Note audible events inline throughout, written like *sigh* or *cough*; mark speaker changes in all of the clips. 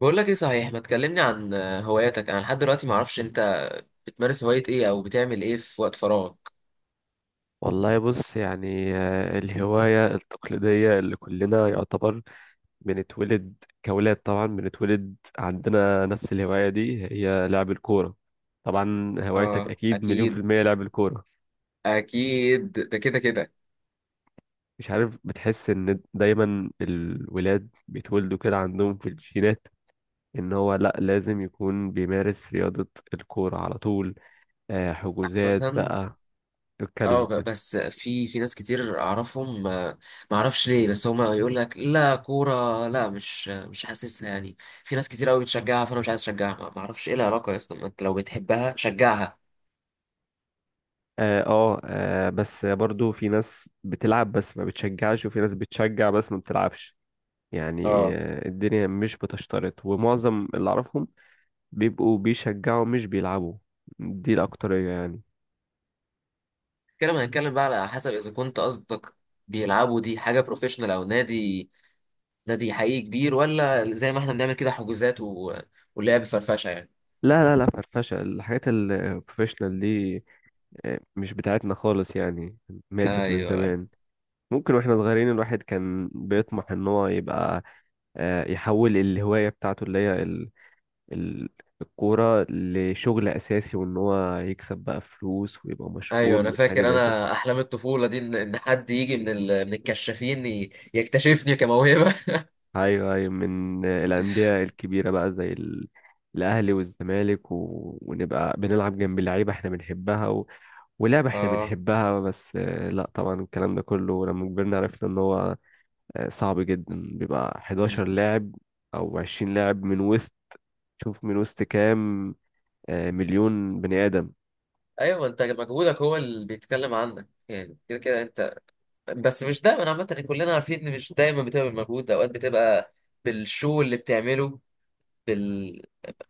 Speaker 1: بقول لك ايه صحيح، ما تكلمني عن هواياتك؟ انا لحد دلوقتي ما اعرفش انت بتمارس هواية ايه او بتعمل ايه في وقت فراغك؟
Speaker 2: والله بص يعني، الهواية التقليدية اللي كلنا يعتبر بنتولد كأولاد، طبعا بنتولد عندنا نفس الهواية دي، هي لعب الكورة. طبعا هوايتك
Speaker 1: اه،
Speaker 2: أكيد مليون في
Speaker 1: اكيد.
Speaker 2: المية لعب الكورة.
Speaker 1: اكيد ده كده كده.
Speaker 2: مش عارف، بتحس إن دايما الولاد بيتولدوا كده عندهم في الجينات، إن هو لأ لازم يكون بيمارس رياضة الكورة على طول. حجوزات
Speaker 1: مثلا.
Speaker 2: بقى.
Speaker 1: اه،
Speaker 2: اتكلم.
Speaker 1: بس في ناس كتير اعرفهم، ما اعرفش ليه، بس هما يقول لك لا كورة، لا مش حاسسها يعني. في ناس كتير قوي بتشجعها، فانا مش عايز اشجعها، ما اعرفش ايه العلاقة يا اسطى، ما انت لو بتحبها شجعها.
Speaker 2: اه، بس برضو في ناس بتلعب بس ما بتشجعش، وفي ناس بتشجع بس ما بتلعبش. يعني
Speaker 1: اه.
Speaker 2: الدنيا مش بتشترط، ومعظم اللي اعرفهم بيبقوا بيشجعوا مش بيلعبوا، دي الأكترية يعني.
Speaker 1: كده هنتكلم بقى على حسب، اذا كنت قصدك بيلعبوا دي حاجة بروفيشنال او نادي، نادي حقيقي كبير، ولا زي ما احنا بنعمل كده حجوزات ولعب فرفشه يعني.
Speaker 2: لا، لا، لا، فرفشة. الحاجات البروفيشنال دي مش بتاعتنا خالص يعني، ماتت من
Speaker 1: ايوه،
Speaker 2: زمان. ممكن واحنا صغيرين الواحد كان بيطمح ان هو يبقى يحول الهواية بتاعته اللي هي ال- الكورة لشغل أساسي، وإن هو يكسب بقى فلوس ويبقى
Speaker 1: ايوه
Speaker 2: مشهور
Speaker 1: انا
Speaker 2: من حاجة
Speaker 1: فاكر،
Speaker 2: زي كده.
Speaker 1: انا احلام الطفوله دي إن حد يجي من من الكشافين يكتشفني كموهبه.
Speaker 2: أيوه، أيوه، من الأندية الكبيرة بقى زي الأهلي والزمالك، ونبقى بنلعب جنب لعيبة احنا بنحبها، ولعبة
Speaker 1: *laughs*
Speaker 2: احنا
Speaker 1: اه.
Speaker 2: بنحبها بس. لا طبعا الكلام ده كله لما كبرنا عرفنا إن هو صعب جدا، بيبقى 11
Speaker 1: أمم.
Speaker 2: لاعب أو 20 لاعب من وسط. شوف من وسط كام، مليون بني آدم.
Speaker 1: ايوه، ما انت مجهودك هو اللي بيتكلم عنك يعني كده كده انت. بس مش دايما عامه يعني، كلنا عارفين ان مش دايما بتبقى بالمجهود ده، اوقات بتبقى بالشو اللي بتعمله، بال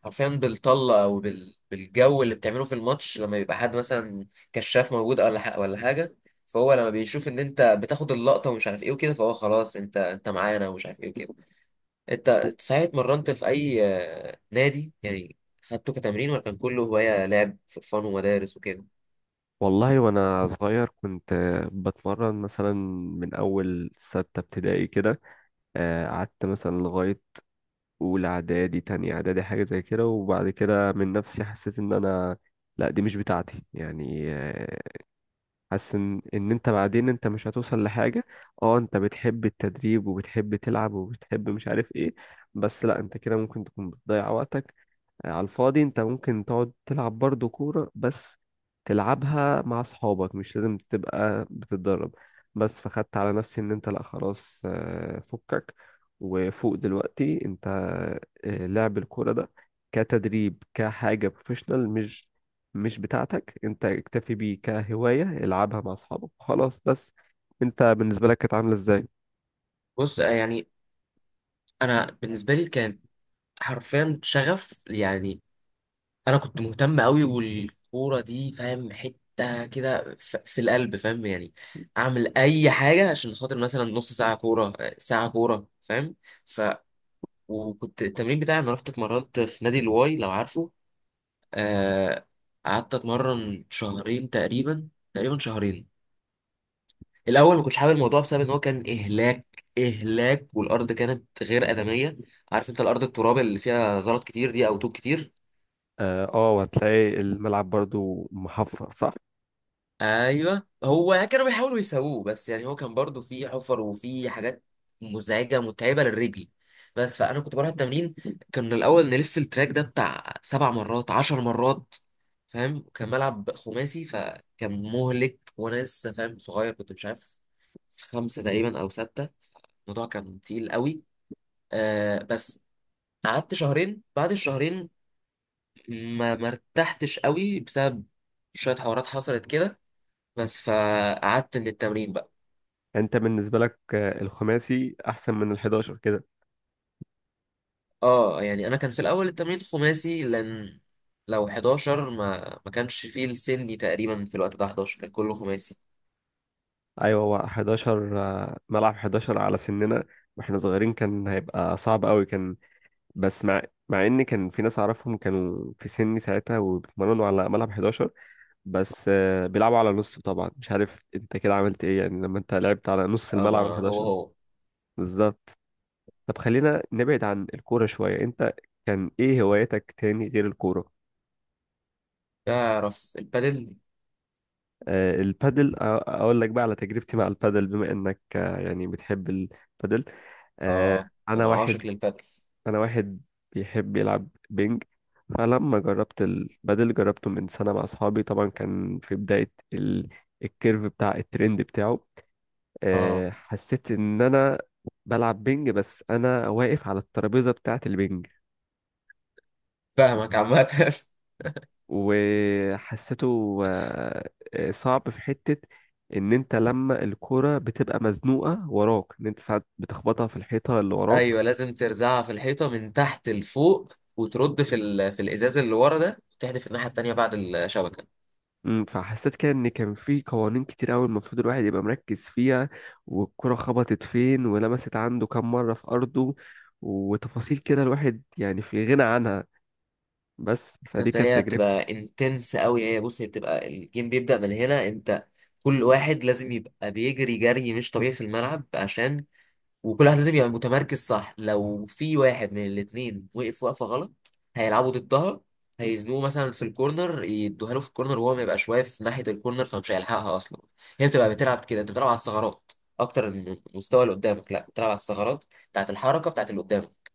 Speaker 1: حرفيا بالطلة او بالجو اللي بتعمله في الماتش، لما يبقى حد مثلا كشاف موجود ولا ولا حاجة. فهو لما بيشوف ان انت بتاخد اللقطة ومش عارف ايه وكده، فهو خلاص انت معانا، ومش عارف ايه وكده. انت صحيح اتمرنت في اي نادي يعني؟ خدته كتمرين، ولا كان كله هواية لعب في فن ومدارس وكده؟
Speaker 2: والله وانا صغير كنت بتمرن مثلا من اول ستة ابتدائي كده. قعدت مثلا لغاية اولى اعدادي، تانية اعدادي، حاجة زي كده. وبعد كده من نفسي حسيت ان انا لا، دي مش بتاعتي يعني. حاسس ان ان انت بعدين انت مش هتوصل لحاجة. اه، انت بتحب التدريب وبتحب تلعب وبتحب مش عارف ايه، بس لا انت كده ممكن تكون بتضيع وقتك على الفاضي. انت ممكن تقعد تلعب برضه كورة، بس تلعبها مع اصحابك، مش لازم تبقى بتتدرب. بس فخدت على نفسي ان انت لا خلاص، فكك. وفوق دلوقتي انت لعب الكورة ده كتدريب كحاجة بروفيشنال مش بتاعتك، انت اكتفي بيه كهواية، العبها مع اصحابك خلاص. بس انت بالنسبة لك كانت عاملة ازاي؟
Speaker 1: بص، يعني انا بالنسبة لي كان حرفيا شغف يعني. انا كنت مهتم قوي، والكوره دي فاهم حته كده، في القلب فاهم يعني. اعمل اي حاجه عشان خاطر مثلا نص ساعه كوره، ساعه كوره، فاهم. ف وكنت التمرين بتاعي، انا رحت اتمرنت في نادي الواي، لو عارفه. آه، قعدت اتمرن شهرين تقريبا، تقريبا شهرين. الاول ما كنتش حابب الموضوع، بسبب ان هو كان اهلاك اهلاك، والارض كانت غير ادميه. عارف انت الارض التراب اللي فيها زلط كتير دي، او طوب كتير؟
Speaker 2: اه، وهتلاقي الملعب برضو محفر صح؟
Speaker 1: ايوه، هو كانوا بيحاولوا يسووه، بس يعني هو كان برضو فيه حفر وفيه حاجات مزعجه متعبه للرجل. بس فانا كنت بروح التمرين، كان الاول نلف التراك ده بتاع 7 مرات، 10 مرات، فاهم. كان ملعب خماسي فكان مهلك، وانا لسه فاهم صغير، كنت مش عارف، خمسه تقريبا او سته. الموضوع كان تقيل قوي. بس قعدت شهرين. بعد الشهرين ما مرتحتش قوي، بسبب شويه حوارات حصلت كده، بس فقعدت من التمرين بقى.
Speaker 2: انت بالنسبه لك الخماسي احسن من ال11 كده.
Speaker 1: اه، يعني انا كان في الاول التمرين خماسي، لان لو 11 ما كانش فيه السني تقريبا، في الوقت ده 11 كان كله خماسي.
Speaker 2: ايوه، هو 11، ملعب 11 على سننا. واحنا صغيرين كان هيبقى صعب قوي، كان بس مع ان كان في ناس اعرفهم كانوا في سني ساعتها وبيتمرنوا على ملعب 11، بس بيلعبوا على نصه طبعا. مش عارف انت كده عملت ايه يعني لما انت لعبت على نص
Speaker 1: اه. ما
Speaker 2: الملعب،
Speaker 1: هو
Speaker 2: ال11.
Speaker 1: هو
Speaker 2: بالظبط. طب خلينا نبعد عن الكوره شويه. انت كان ايه هواياتك تاني غير الكوره؟
Speaker 1: تعرف البادل؟
Speaker 2: البادل، اقول لك بقى على تجربتي مع البادل، بما انك يعني بتحب البادل. آه،
Speaker 1: اه،
Speaker 2: انا
Speaker 1: انا
Speaker 2: واحد
Speaker 1: عاشق للبادل.
Speaker 2: انا واحد بيحب يلعب بينج. فلما جربت البادل جربته من سنة مع اصحابي، طبعا كان في بداية الكيرف بتاع الترند بتاعه.
Speaker 1: اه،
Speaker 2: حسيت ان انا بلعب بينج، بس انا واقف على الترابيزة بتاعة البينج.
Speaker 1: فاهمك عامة. *laughs*
Speaker 2: وحسيته صعب في حتة، ان انت لما الكرة بتبقى مزنوقة وراك ان انت ساعات بتخبطها في الحيطة اللي وراك.
Speaker 1: ايوه، لازم ترزعها في الحيطة من تحت لفوق، وترد في في الازاز اللي ورا ده، وتحدف الناحية التانية بعد الشبكة.
Speaker 2: فحسيت كده ان كان في قوانين كتير قوي المفروض الواحد يبقى مركز فيها، والكرة خبطت فين، ولمست عنده كام مرة في ارضه، وتفاصيل كده الواحد يعني في غنى عنها. بس
Speaker 1: يا
Speaker 2: فدي
Speaker 1: اسطى،
Speaker 2: كانت
Speaker 1: هي
Speaker 2: تجربتي.
Speaker 1: بتبقى انتنس قوي هي، بص هي بتبقى الجيم بيبدأ من هنا انت. كل واحد لازم يبقى بيجري جري مش طبيعي في الملعب عشان، وكل واحد لازم يبقى متمركز صح. لو في واحد من الاتنين وقف وقفة غلط، هيلعبوا ضدها، هيزنوه مثلا في الكورنر، يدوها له في الكورنر وهو ما يبقاش واقف ناحية الكورنر، فمش هيلحقها اصلا. هي بتبقى بتلعب كده انت، بتلعب على الثغرات اكتر من المستوى اللي قدامك. لا، بتلعب على الثغرات بتاعت الحركة بتاعت اللي قدامك.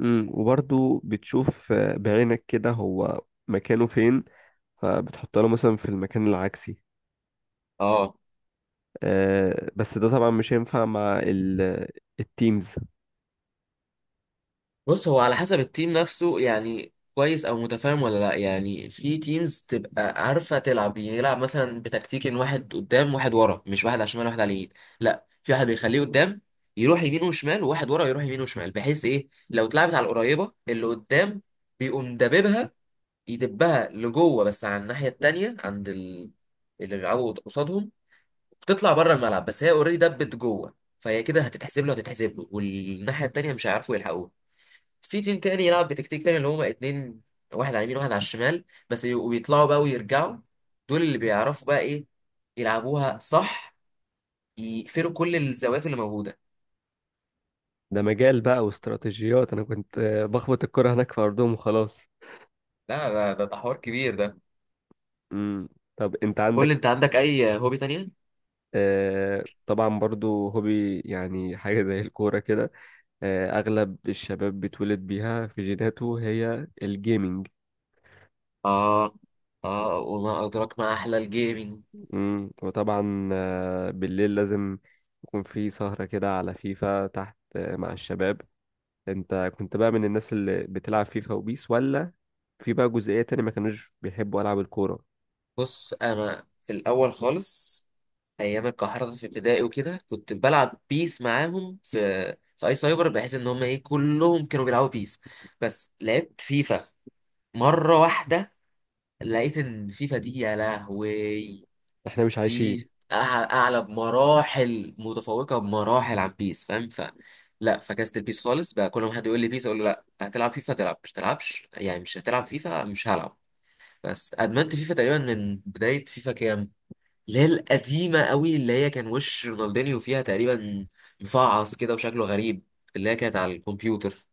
Speaker 2: وبرضو بتشوف بعينك كده هو مكانه فين، فبتحط له مثلا في المكان العكسي.
Speaker 1: اه.
Speaker 2: بس ده طبعا مش هينفع مع التيمز.
Speaker 1: بص، هو على حسب التيم نفسه يعني، كويس او متفاهم ولا لا. يعني في تيمز تبقى عارفه تلعب، يلعب مثلا بتكتيك ان واحد قدام واحد ورا، مش واحد على الشمال واحد على اليمين. لا، في واحد بيخليه قدام يروح يمين وشمال، وواحد ورا يروح يمين وشمال، بحيث ايه، لو اتلعبت على القريبه اللي قدام، بيقوم دببها، يدبها لجوه. بس على الناحيه التانيه عند اللي بيلعبوا قصادهم، بتطلع بره الملعب بس هي اوريدي دبت جوه. فهي كده هتتحسب له، هتتحسب له، والناحيه التانيه مش هيعرفوا يلحقوها. في تيم تاني يلعب بتكتيك تاني، اللي هما اتنين، واحد على اليمين واحد على الشمال، بس ويطلعوا بقى ويرجعوا. دول اللي بيعرفوا بقى ايه يلعبوها صح، يقفلوا كل الزوايا اللي موجودة.
Speaker 2: ده مجال بقى واستراتيجيات، انا كنت بخبط الكرة هناك في ارضهم وخلاص.
Speaker 1: لا، ده ده حوار كبير ده.
Speaker 2: مم. طب انت
Speaker 1: قول
Speaker 2: عندك؟
Speaker 1: لي انت، عندك اي هوبي تانية؟
Speaker 2: طبعا برضو هوبي يعني حاجة زي الكورة كده، اغلب الشباب بيتولد بيها في جيناته، هي الجيمينج.
Speaker 1: اه. اه، وما ادراك ما احلى الجيمنج.
Speaker 2: مم. وطبعا بالليل لازم يكون في سهرة كده على فيفا تحت، مع الشباب. انت كنت بقى من الناس اللي بتلعب فيفا وبيس، ولا في بقى جزئية تانية ما كانوش بيحبوا ألعاب الكورة؟
Speaker 1: بص، انا في الاول خالص، ايام الكحرطة في ابتدائي وكده، كنت بلعب بيس معاهم في، اي سايبر، بحيث ان هم ايه كلهم كانوا بيلعبوا بيس. بس لعبت فيفا مرة واحدة، لقيت ان فيفا دي يا لهوي،
Speaker 2: احنا مش
Speaker 1: دي
Speaker 2: عايشين.
Speaker 1: أع- اعلى بمراحل، متفوقه بمراحل عن بيس، فاهم. لا فكست البيس خالص بقى. كل ما حد يقول لي بيس، اقول له لا هتلعب فيفا، تلعب مش تلعبش يعني، مش هتلعب فيفا مش هلعب. بس ادمنت فيفا تقريبا من بدايه فيفا كام، اللي هي القديمه قوي، اللي هي كان وش رونالدينيو فيها تقريبا، مفعص كده وشكله غريب، اللي هي كانت على الكمبيوتر.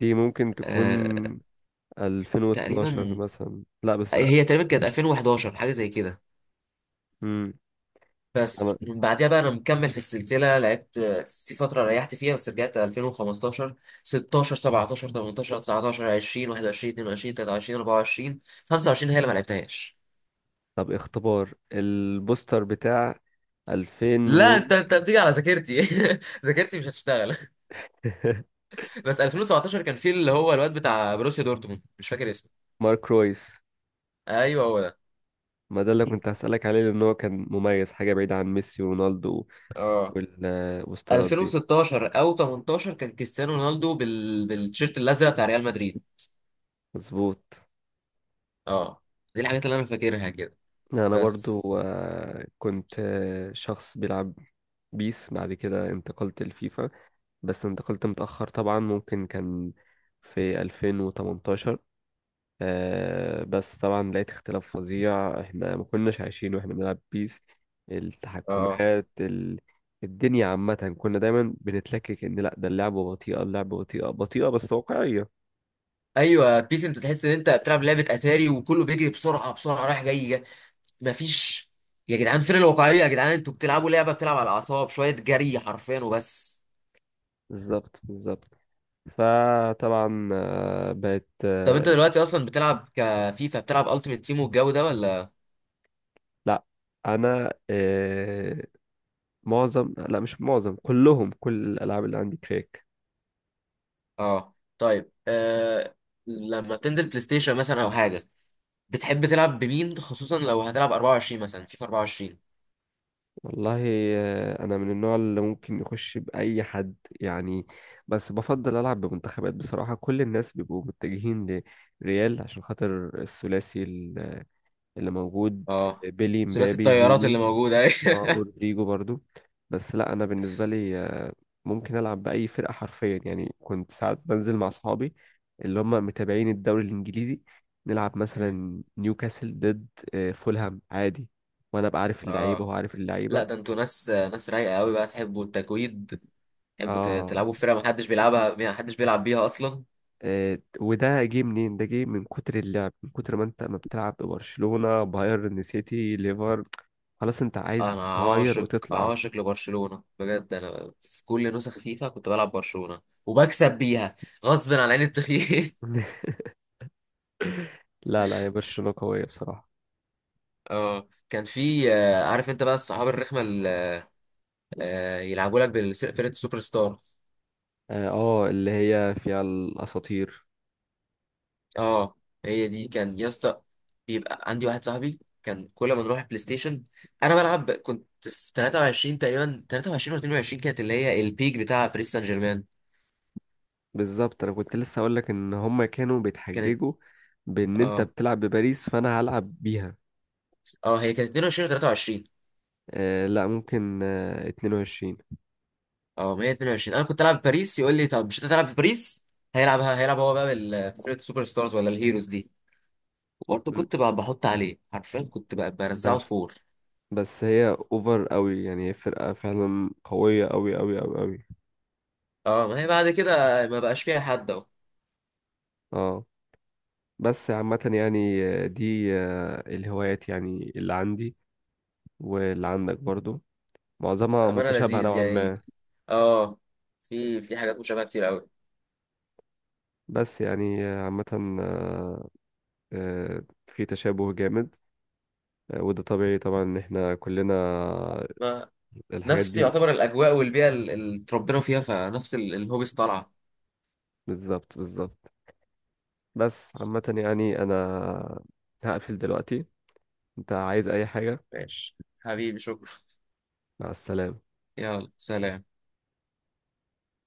Speaker 2: دي ممكن تكون
Speaker 1: أه
Speaker 2: 2012
Speaker 1: تقريبا،
Speaker 2: مثلا، لا بس
Speaker 1: هي تقريبا كانت 2011، حاجه زي كده.
Speaker 2: امم انا.
Speaker 1: بس من بعدها بقى انا مكمل في السلسله، لعبت في فتره ريحت فيها، بس رجعت 2015، 16، 17، 18، 19، 20، 21، 22، 23، 24. 25 هي اللي ما لعبتهاش.
Speaker 2: طب اختبار البوستر بتاع 2000 و
Speaker 1: لا انت بتيجي على ذاكرتي. *laughs* ذاكرتي مش هتشتغل.
Speaker 2: *laughs*
Speaker 1: بس 2017 كان في اللي هو الواد بتاع بروسيا دورتموند، مش فاكر اسمه.
Speaker 2: مارك رويس.
Speaker 1: ايوه، هو ده.
Speaker 2: ما ده اللي كنت هسألك عليه، لأن هو كان مميز حاجة بعيدة عن ميسي ورونالدو
Speaker 1: اه،
Speaker 2: والستارات دي.
Speaker 1: 2016 او 18 كان كريستيانو رونالدو بالتيشيرت الازرق بتاع ريال مدريد.
Speaker 2: مظبوط.
Speaker 1: اه، دي الحاجات اللي انا فاكرها كده.
Speaker 2: يعني انا
Speaker 1: بس.
Speaker 2: برضو كنت شخص بيلعب بيس، بعد كده انتقلت لفيفا. بس انتقلت متأخر طبعا، ممكن كان في 2018. بس طبعا لقيت اختلاف فظيع، احنا ما كناش عايشين واحنا بنلعب بيس.
Speaker 1: اه،
Speaker 2: التحكمات الدنيا عامة، كنا دايما بنتلكك ان لا، ده اللعبة بطيئة، اللعبة بطيئة بطيئة، بس واقعية.
Speaker 1: ايوه بيس، انت تحس ان انت بتلعب لعبه اتاري، وكله بيجري بسرعه بسرعه، رايح جاي جاي. مفيش. يا جدعان فين الواقعيه؟ يا جدعان، انتوا بتلعبوا لعبه بتلعب على الاعصاب شويه، جري حرفيا وبس.
Speaker 2: بالظبط، بالظبط. فطبعا بقت.
Speaker 1: طب انت دلوقتي اصلا بتلعب كفيفا، بتلعب التيمت تيم والجو ده، ولا؟
Speaker 2: لا، انا معظم، لا مش معظم، كلهم، كل الالعاب اللي عندي كريك.
Speaker 1: اه، طيب. لما تنزل بلاي ستيشن مثلا او حاجه، بتحب تلعب بمين، خصوصا لو هتلعب 24 مثلا، فيفا 24؟
Speaker 2: والله انا من النوع اللي ممكن يخش باي حد يعني. بس بفضل العب بمنتخبات بصراحه، كل الناس بيبقوا متجهين لريال عشان خاطر الثلاثي اللي موجود،
Speaker 1: اه،
Speaker 2: بيلي
Speaker 1: ثلاثي
Speaker 2: مبابي
Speaker 1: الطيارات اللي
Speaker 2: فيني.
Speaker 1: موجوده. *laughs*
Speaker 2: اه، ورودريجو برضو. بس لا، انا بالنسبه لي ممكن العب باي فرقه حرفيا يعني، كنت ساعات بنزل مع اصحابي اللي هم متابعين الدوري الانجليزي، نلعب
Speaker 1: مم.
Speaker 2: مثلا نيوكاسل ضد فولهام عادي، وانا ابقى عارف اللعيبه وهو
Speaker 1: اه.
Speaker 2: عارف
Speaker 1: لا
Speaker 2: اللعيبه.
Speaker 1: ده انتوا ناس، ناس رايقه قوي بقى، تحبوا التكويد، تحبوا
Speaker 2: اه،
Speaker 1: تلعبوا في فرقة محدش بيلعبها، محدش بيلعب بيها أصلا.
Speaker 2: وده جه منين؟ ده جه من كتر اللعب، من كتر ما انت ما بتلعب ببرشلونه بايرن سيتي ليفر، خلاص انت عايز
Speaker 1: أنا
Speaker 2: تغير
Speaker 1: عاشق
Speaker 2: وتطلع.
Speaker 1: عاشق لبرشلونة بجد. أنا في كل نسخ فيفا كنت بلعب برشلونة وبكسب بيها غصب عن عين التخييل.
Speaker 2: *laughs* لا، لا، يا برشلونه قويه بصراحه.
Speaker 1: *laughs* اه، كان في، عارف انت بقى الصحاب الرخمة اللي يلعبوا لك بفرقة السوبر ستار؟
Speaker 2: اه، اللي هي فيها الاساطير.
Speaker 1: اه، هي دي كان يا اسطى. بيبقى عندي واحد صاحبي، كان كل ما نروح البلاي ستيشن، انا بلعب كنت في 23 تقريبا، 23 ولا 22، كانت اللي هي البيك بتاع باريس سان جيرمان.
Speaker 2: بالظبط. انا كنت لسه اقول لك ان هم كانوا
Speaker 1: كانت.
Speaker 2: بيتحججوا بان انت
Speaker 1: اه.
Speaker 2: بتلعب بباريس، فانا هلعب بيها.
Speaker 1: اه، هي كانت 22، 23.
Speaker 2: لا، ممكن 22.
Speaker 1: اه، ما هي 22، انا كنت العب بباريس، يقول لي طب مش انت تلعب بباريس، هيلعبها، هيلعب هو بقى بالفرقه السوبر ستارز ولا الهيروز دي. وبرضه
Speaker 2: م،
Speaker 1: كنت بقى بحط عليه حرفيا، كنت بقى برزعه
Speaker 2: بس
Speaker 1: سكور.
Speaker 2: بس هي اوفر قوي يعني، هي فرقة فعلا قوية قوي قوي قوي قوي.
Speaker 1: اه، ما هي بعد كده ما بقاش فيها حد اهو.
Speaker 2: اه، بس عامة يعني دي الهوايات يعني، اللي عندي واللي عندك برضو، معظمها
Speaker 1: بامانه
Speaker 2: متشابهة
Speaker 1: لذيذ
Speaker 2: نوعا
Speaker 1: يعني.
Speaker 2: ما.
Speaker 1: اه. في حاجات مشابهه كتير قوي.
Speaker 2: بس يعني عامة، آه، في تشابه جامد، وده طبيعي طبعا، ان احنا كلنا
Speaker 1: ما
Speaker 2: الحاجات
Speaker 1: نفس
Speaker 2: دي.
Speaker 1: يعتبر الاجواء والبيئه، اللي اتربينا فيها، فنفس الهوبيز طالعه.
Speaker 2: بالظبط، بالظبط. بس عامة يعني انا هقفل دلوقتي، انت عايز اي حاجة؟
Speaker 1: ماشي حبيبي، شكرا.
Speaker 2: مع السلامة.
Speaker 1: يلا سلام.